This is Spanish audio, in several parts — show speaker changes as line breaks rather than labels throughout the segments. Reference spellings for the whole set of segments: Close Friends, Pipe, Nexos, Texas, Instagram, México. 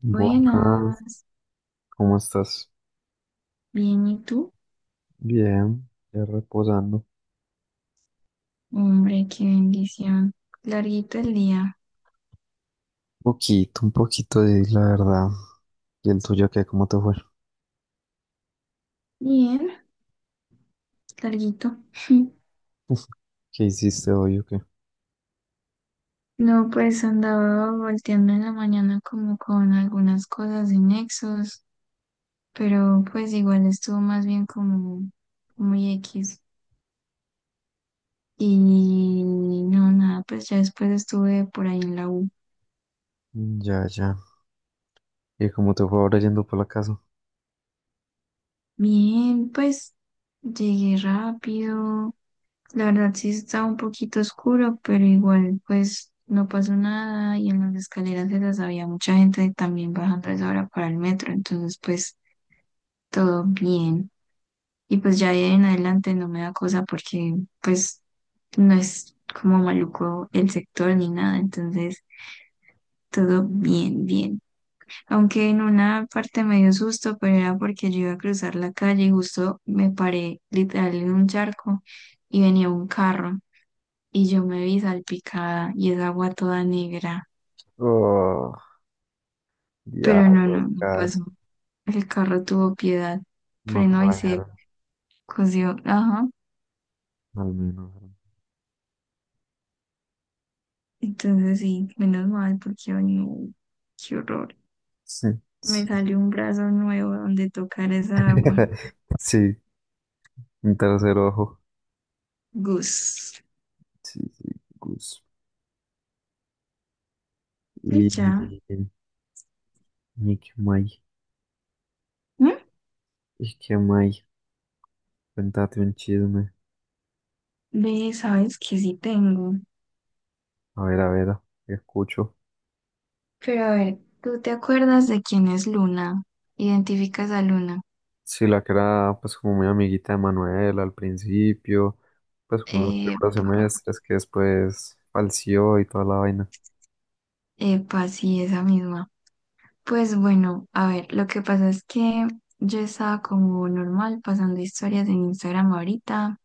Buenas,
Buenas,
¿cómo estás?
bien, ¿y tú?
Bien, ya reposando.
Hombre, qué bendición. Larguito el día.
Un poquito de la verdad. ¿Y el tuyo qué? ¿Cómo te fue?
Bien, larguito.
¿Qué hiciste hoy o qué?
No, pues andaba volteando en la mañana como con algunas cosas de Nexos, pero pues igual estuvo más bien como muy X. Y no, nada, pues ya después estuve por ahí en la U.
Ya, ya. ¿Y cómo te fue ahora yendo por la casa?
Bien, pues llegué rápido. La verdad sí está un poquito oscuro, pero igual pues no pasó nada y en las escaleras esas había mucha gente también bajando a esa hora para el metro, entonces pues todo bien. Y pues ya de ahí en adelante no me da cosa porque pues no es como maluco el sector ni nada, entonces todo bien, bien. Aunque en una parte me dio susto, pero era porque yo iba a cruzar la calle y justo me paré literal en un charco y venía un carro. Y yo me vi salpicada y esa agua toda negra.
Oh,
Pero no,
diablos,
no, no
casa.
pasó. El carro tuvo piedad,
No te
frenó y se
bañaron,
cosió. Ajá.
al menos.
Entonces sí, menos mal porque ay, no, qué horror.
Sí,
Me
sí.
salió un brazo nuevo donde tocar esa agua.
Sí, un tercer ojo.
Gus.
Sí, sí, Gus.
Y
Y, y,
ya.
y qué más,
¿Mm?
y qué más. Cuéntate un chisme.
Ve, sabes que sí tengo.
A ver, escucho.
Pero a ver, ¿tú te acuerdas de quién es Luna? ¿Identificas a Luna?
Sí, la que era pues como muy amiguita de Manuel al principio, pues como los primeros
Epa,
semestres que después falseó y toda la vaina.
epa, sí, esa misma. Pues bueno, a ver, lo que pasa es que yo estaba como normal pasando historias en Instagram ahorita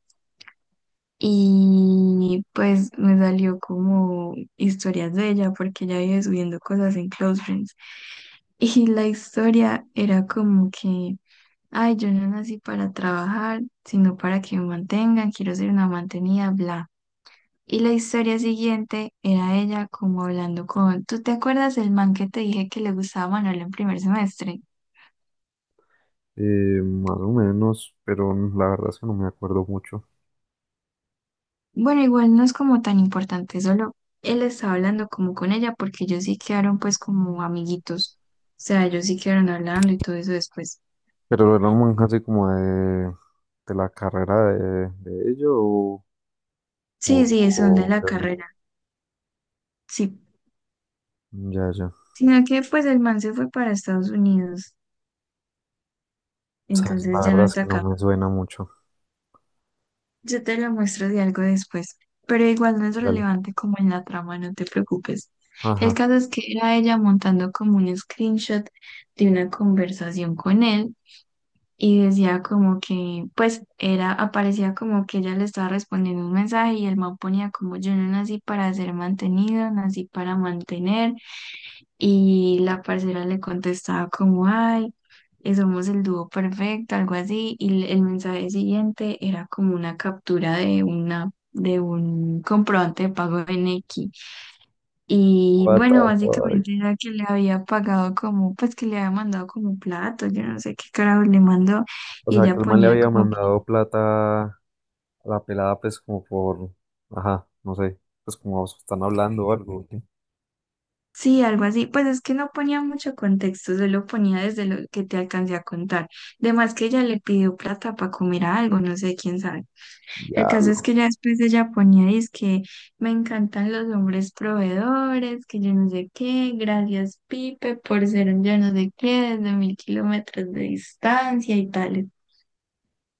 y pues me salió como historias de ella porque ella vive subiendo cosas en Close Friends. Y la historia era como que, ay, yo no nací para trabajar, sino para que me mantengan, quiero ser una mantenida, bla. Y la historia siguiente era ella como hablando con, ¿tú te acuerdas del man que te dije que le gustaba Manuel en primer semestre?
Más o menos, pero la verdad es que no me acuerdo mucho.
Bueno, igual no es como tan importante, solo él estaba hablando como con ella porque ellos sí quedaron pues como amiguitos. O sea, ellos sí quedaron hablando y todo eso después.
Pero era un manga así como de la carrera de ello o,
Sí, sí, son de
o
la
de.
carrera, sí.
Ya, ya.
Sino que pues el man se fue para Estados Unidos,
Sabes,
entonces
la
ya no
verdad es
está
que no
acá.
me suena mucho.
Yo te lo muestro de algo después, pero igual no es
Dale.
relevante como en la trama, no te preocupes. El
Ajá.
caso es que era ella montando como un screenshot de una conversación con él y decía como que, pues era, aparecía como que ella le estaba respondiendo un mensaje y el man ponía como yo no nací para ser mantenido, nací para mantener y la parcera le contestaba como ay, somos el dúo perfecto, algo así y el mensaje siguiente era como una captura de una de un comprobante de pago en X. Y
What
bueno,
the fuck.
básicamente era que le había pagado como, pues que le había mandado como un plato, yo no sé qué carajo le mandó,
O
y
sea, que
ella
el man le
ponía
había
como,
mandado plata la pelada, pues, como por, ajá, no sé, pues, como están hablando o algo. ¿Qué?
sí, algo así, pues es que no ponía mucho contexto, solo ponía desde lo que te alcancé a contar. Además que ella le pidió plata para comer algo, no sé quién sabe. El
Ya
caso es
no.
que ya después ella ponía, dice que me encantan los hombres proveedores, que yo no sé qué, gracias Pipe por ser un yo no sé qué, desde 1.000 kilómetros de distancia y tal.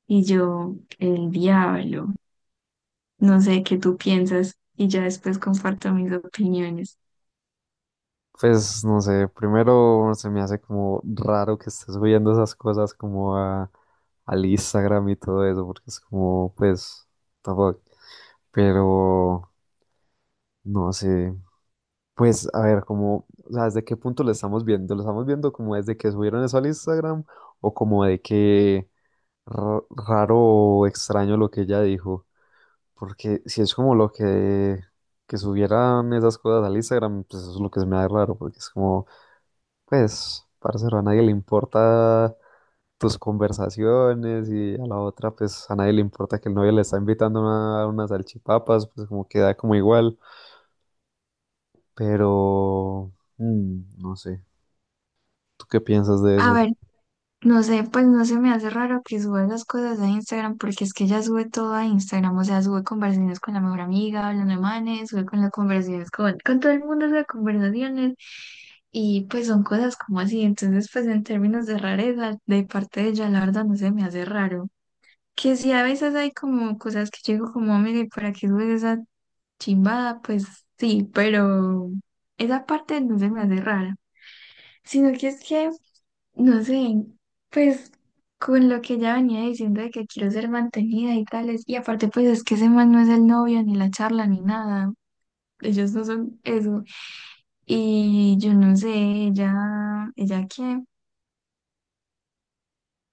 Y yo, el diablo, no sé qué tú piensas y ya después comparto mis opiniones.
Pues, no sé, primero se me hace como raro que estés subiendo esas cosas como a, al Instagram y todo eso, porque es como, pues, tampoco. Pero, no sé, pues, a ver, como, o sea, ¿desde qué punto lo estamos viendo? ¿Lo estamos viendo como desde que subieron eso al Instagram o como de que raro o extraño lo que ella dijo? Porque si es como lo que subieran esas cosas al Instagram, pues eso es lo que se me da raro, porque es como, pues, parcero, a nadie le importa tus conversaciones y a la otra, pues, a nadie le importa que el novio le está invitando a a unas salchipapas, pues como queda como igual, pero, no sé, ¿tú qué piensas de
A
eso?
ver, no sé, pues no se me hace raro que suba esas cosas a Instagram porque es que ella sube todo a Instagram, o sea, sube conversaciones con la mejor amiga, hablando de manes, sube con las conversaciones con todo el mundo, sube conversaciones y pues son cosas como así, entonces pues en términos de rareza de parte de ella, la verdad no se me hace raro. Que sí, a veces hay como cosas que yo digo como, mire, ¿para qué subes esa Chimba? Pues sí, pero esa parte no se me hace rara, sino que es que, no sé, pues con lo que ella venía diciendo de que quiero ser mantenida y tales, y aparte pues es que ese man no es el novio, ni la charla, ni nada, ellos no son eso, y yo no sé, ella qué,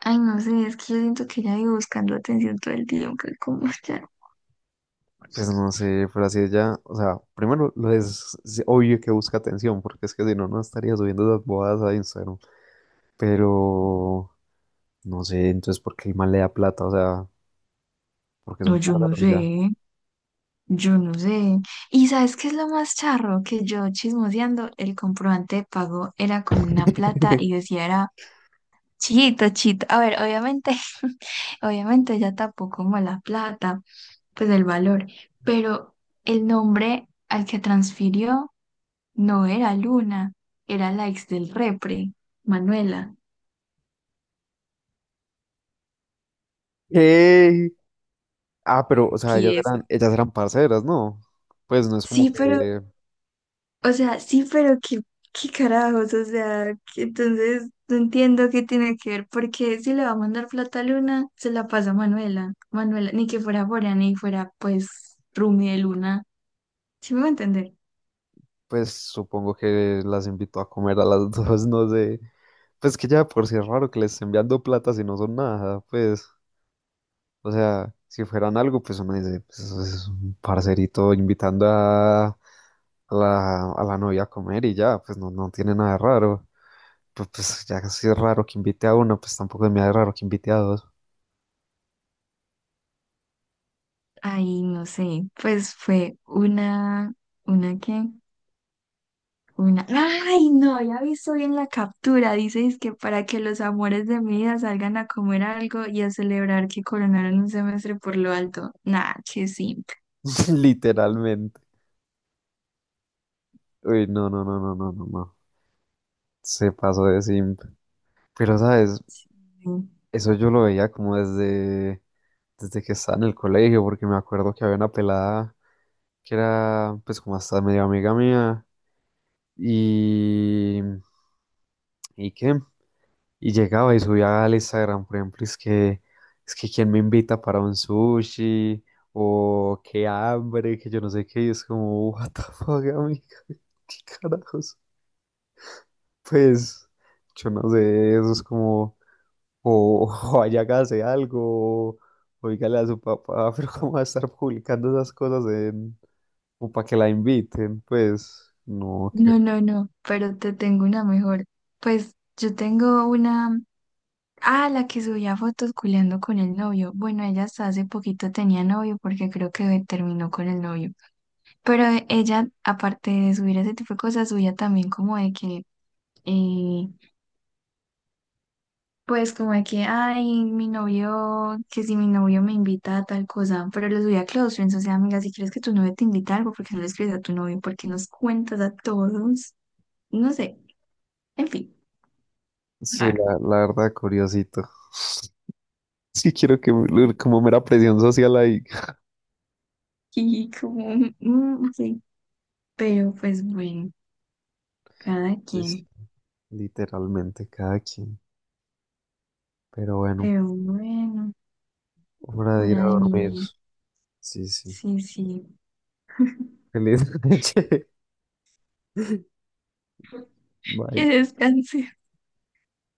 ay no sé, es que yo siento que ella vive buscando atención todo el día, aunque como ya,
Pues no sé, pero así ella, o sea, primero lo es obvio que busca atención, porque es que si no, no estaría subiendo esas bodas a Instagram, pero... No sé, entonces, ¿por qué el man le da plata? O sea, porque son
no, yo no
parceros ya.
sé. Yo no sé. ¿Y sabes qué es lo más charro? Que yo chismoseando, el comprobante de pago era con una plata y decía era chito, chito. A ver, obviamente, obviamente ya tapó como la plata, pues el valor, pero el nombre al que transfirió no era Luna, era la ex del repre, Manuela.
¿Qué? Ah, pero, o sea,
Tieso.
ellas eran parceras, ¿no? Pues no es como
Sí, pero
que,
o sea, sí, pero qué, qué carajos, o sea, que entonces no entiendo qué tiene que ver, porque si le va a mandar plata a Luna, se la pasa a Manuela. Manuela, ni que fuera Bora, ni fuera pues Rumi de Luna. ¿Sí me va a entender?
pues supongo que las invitó a comer a las dos, no sé. Pues que ya por si es raro que les estén enviando plata si no son nada, pues, o sea, si fueran algo, pues uno dice, pues eso es un parcerito invitando a la novia a comer y ya, pues no, no tiene nada de raro. Pues, pues, ya si es raro que invite a uno, pues tampoco es muy raro que invite a dos.
Ay, no sé, pues fue ¿una qué? Una, ay, no, ya visto bien la captura, dices que para que los amores de mi vida salgan a comer algo y a celebrar que coronaron un semestre por lo alto. Nah, qué simple.
Literalmente. Uy, no, no, no, no, no, no, no. Se pasó de simp. Pero, ¿sabes? Eso yo lo veía como desde, desde que estaba en el colegio, porque me acuerdo que había una pelada que era, pues, como hasta medio amiga mía. Y. ¿Y qué? Y llegaba y subía al Instagram, por ejemplo, es que quién me invita para un sushi, o qué hambre, que yo no sé qué, y es como, what the fuck, amiga, qué carajos. Pues, yo no sé, eso es como, o, o vaya, hágase algo, o dígale a su papá, pero cómo va a estar publicando esas cosas en, o para que la inviten, pues, no, que,
No, no, no, pero te tengo una mejor. Pues yo tengo una, ah, la que subía fotos culeando con el novio. Bueno, ella hasta hace poquito tenía novio porque creo que terminó con el novio. Pero ella, aparte de subir ese tipo de cosas, subía también como de que, eh, pues como de que, ay, mi novio, que si mi novio me invita a tal cosa, pero lo subía a close friends, o sea, amiga, si crees que tu novio te invita a algo, ¿por qué no le escribes a tu novio? ¿Por qué nos cuentas a todos? No sé, en fin.
sí,
Claro.
la verdad, curiosito. Sí quiero que, como mera presión social ahí.
Y como, mm, ok. Pero pues bueno, cada quien.
Literalmente cada quien. Pero bueno,
Pero bueno,
hora de ir a
hora de
dormir.
mimir.
Sí, sí.
Sí, sí.
Feliz noche.
Que
Bye.
descanse.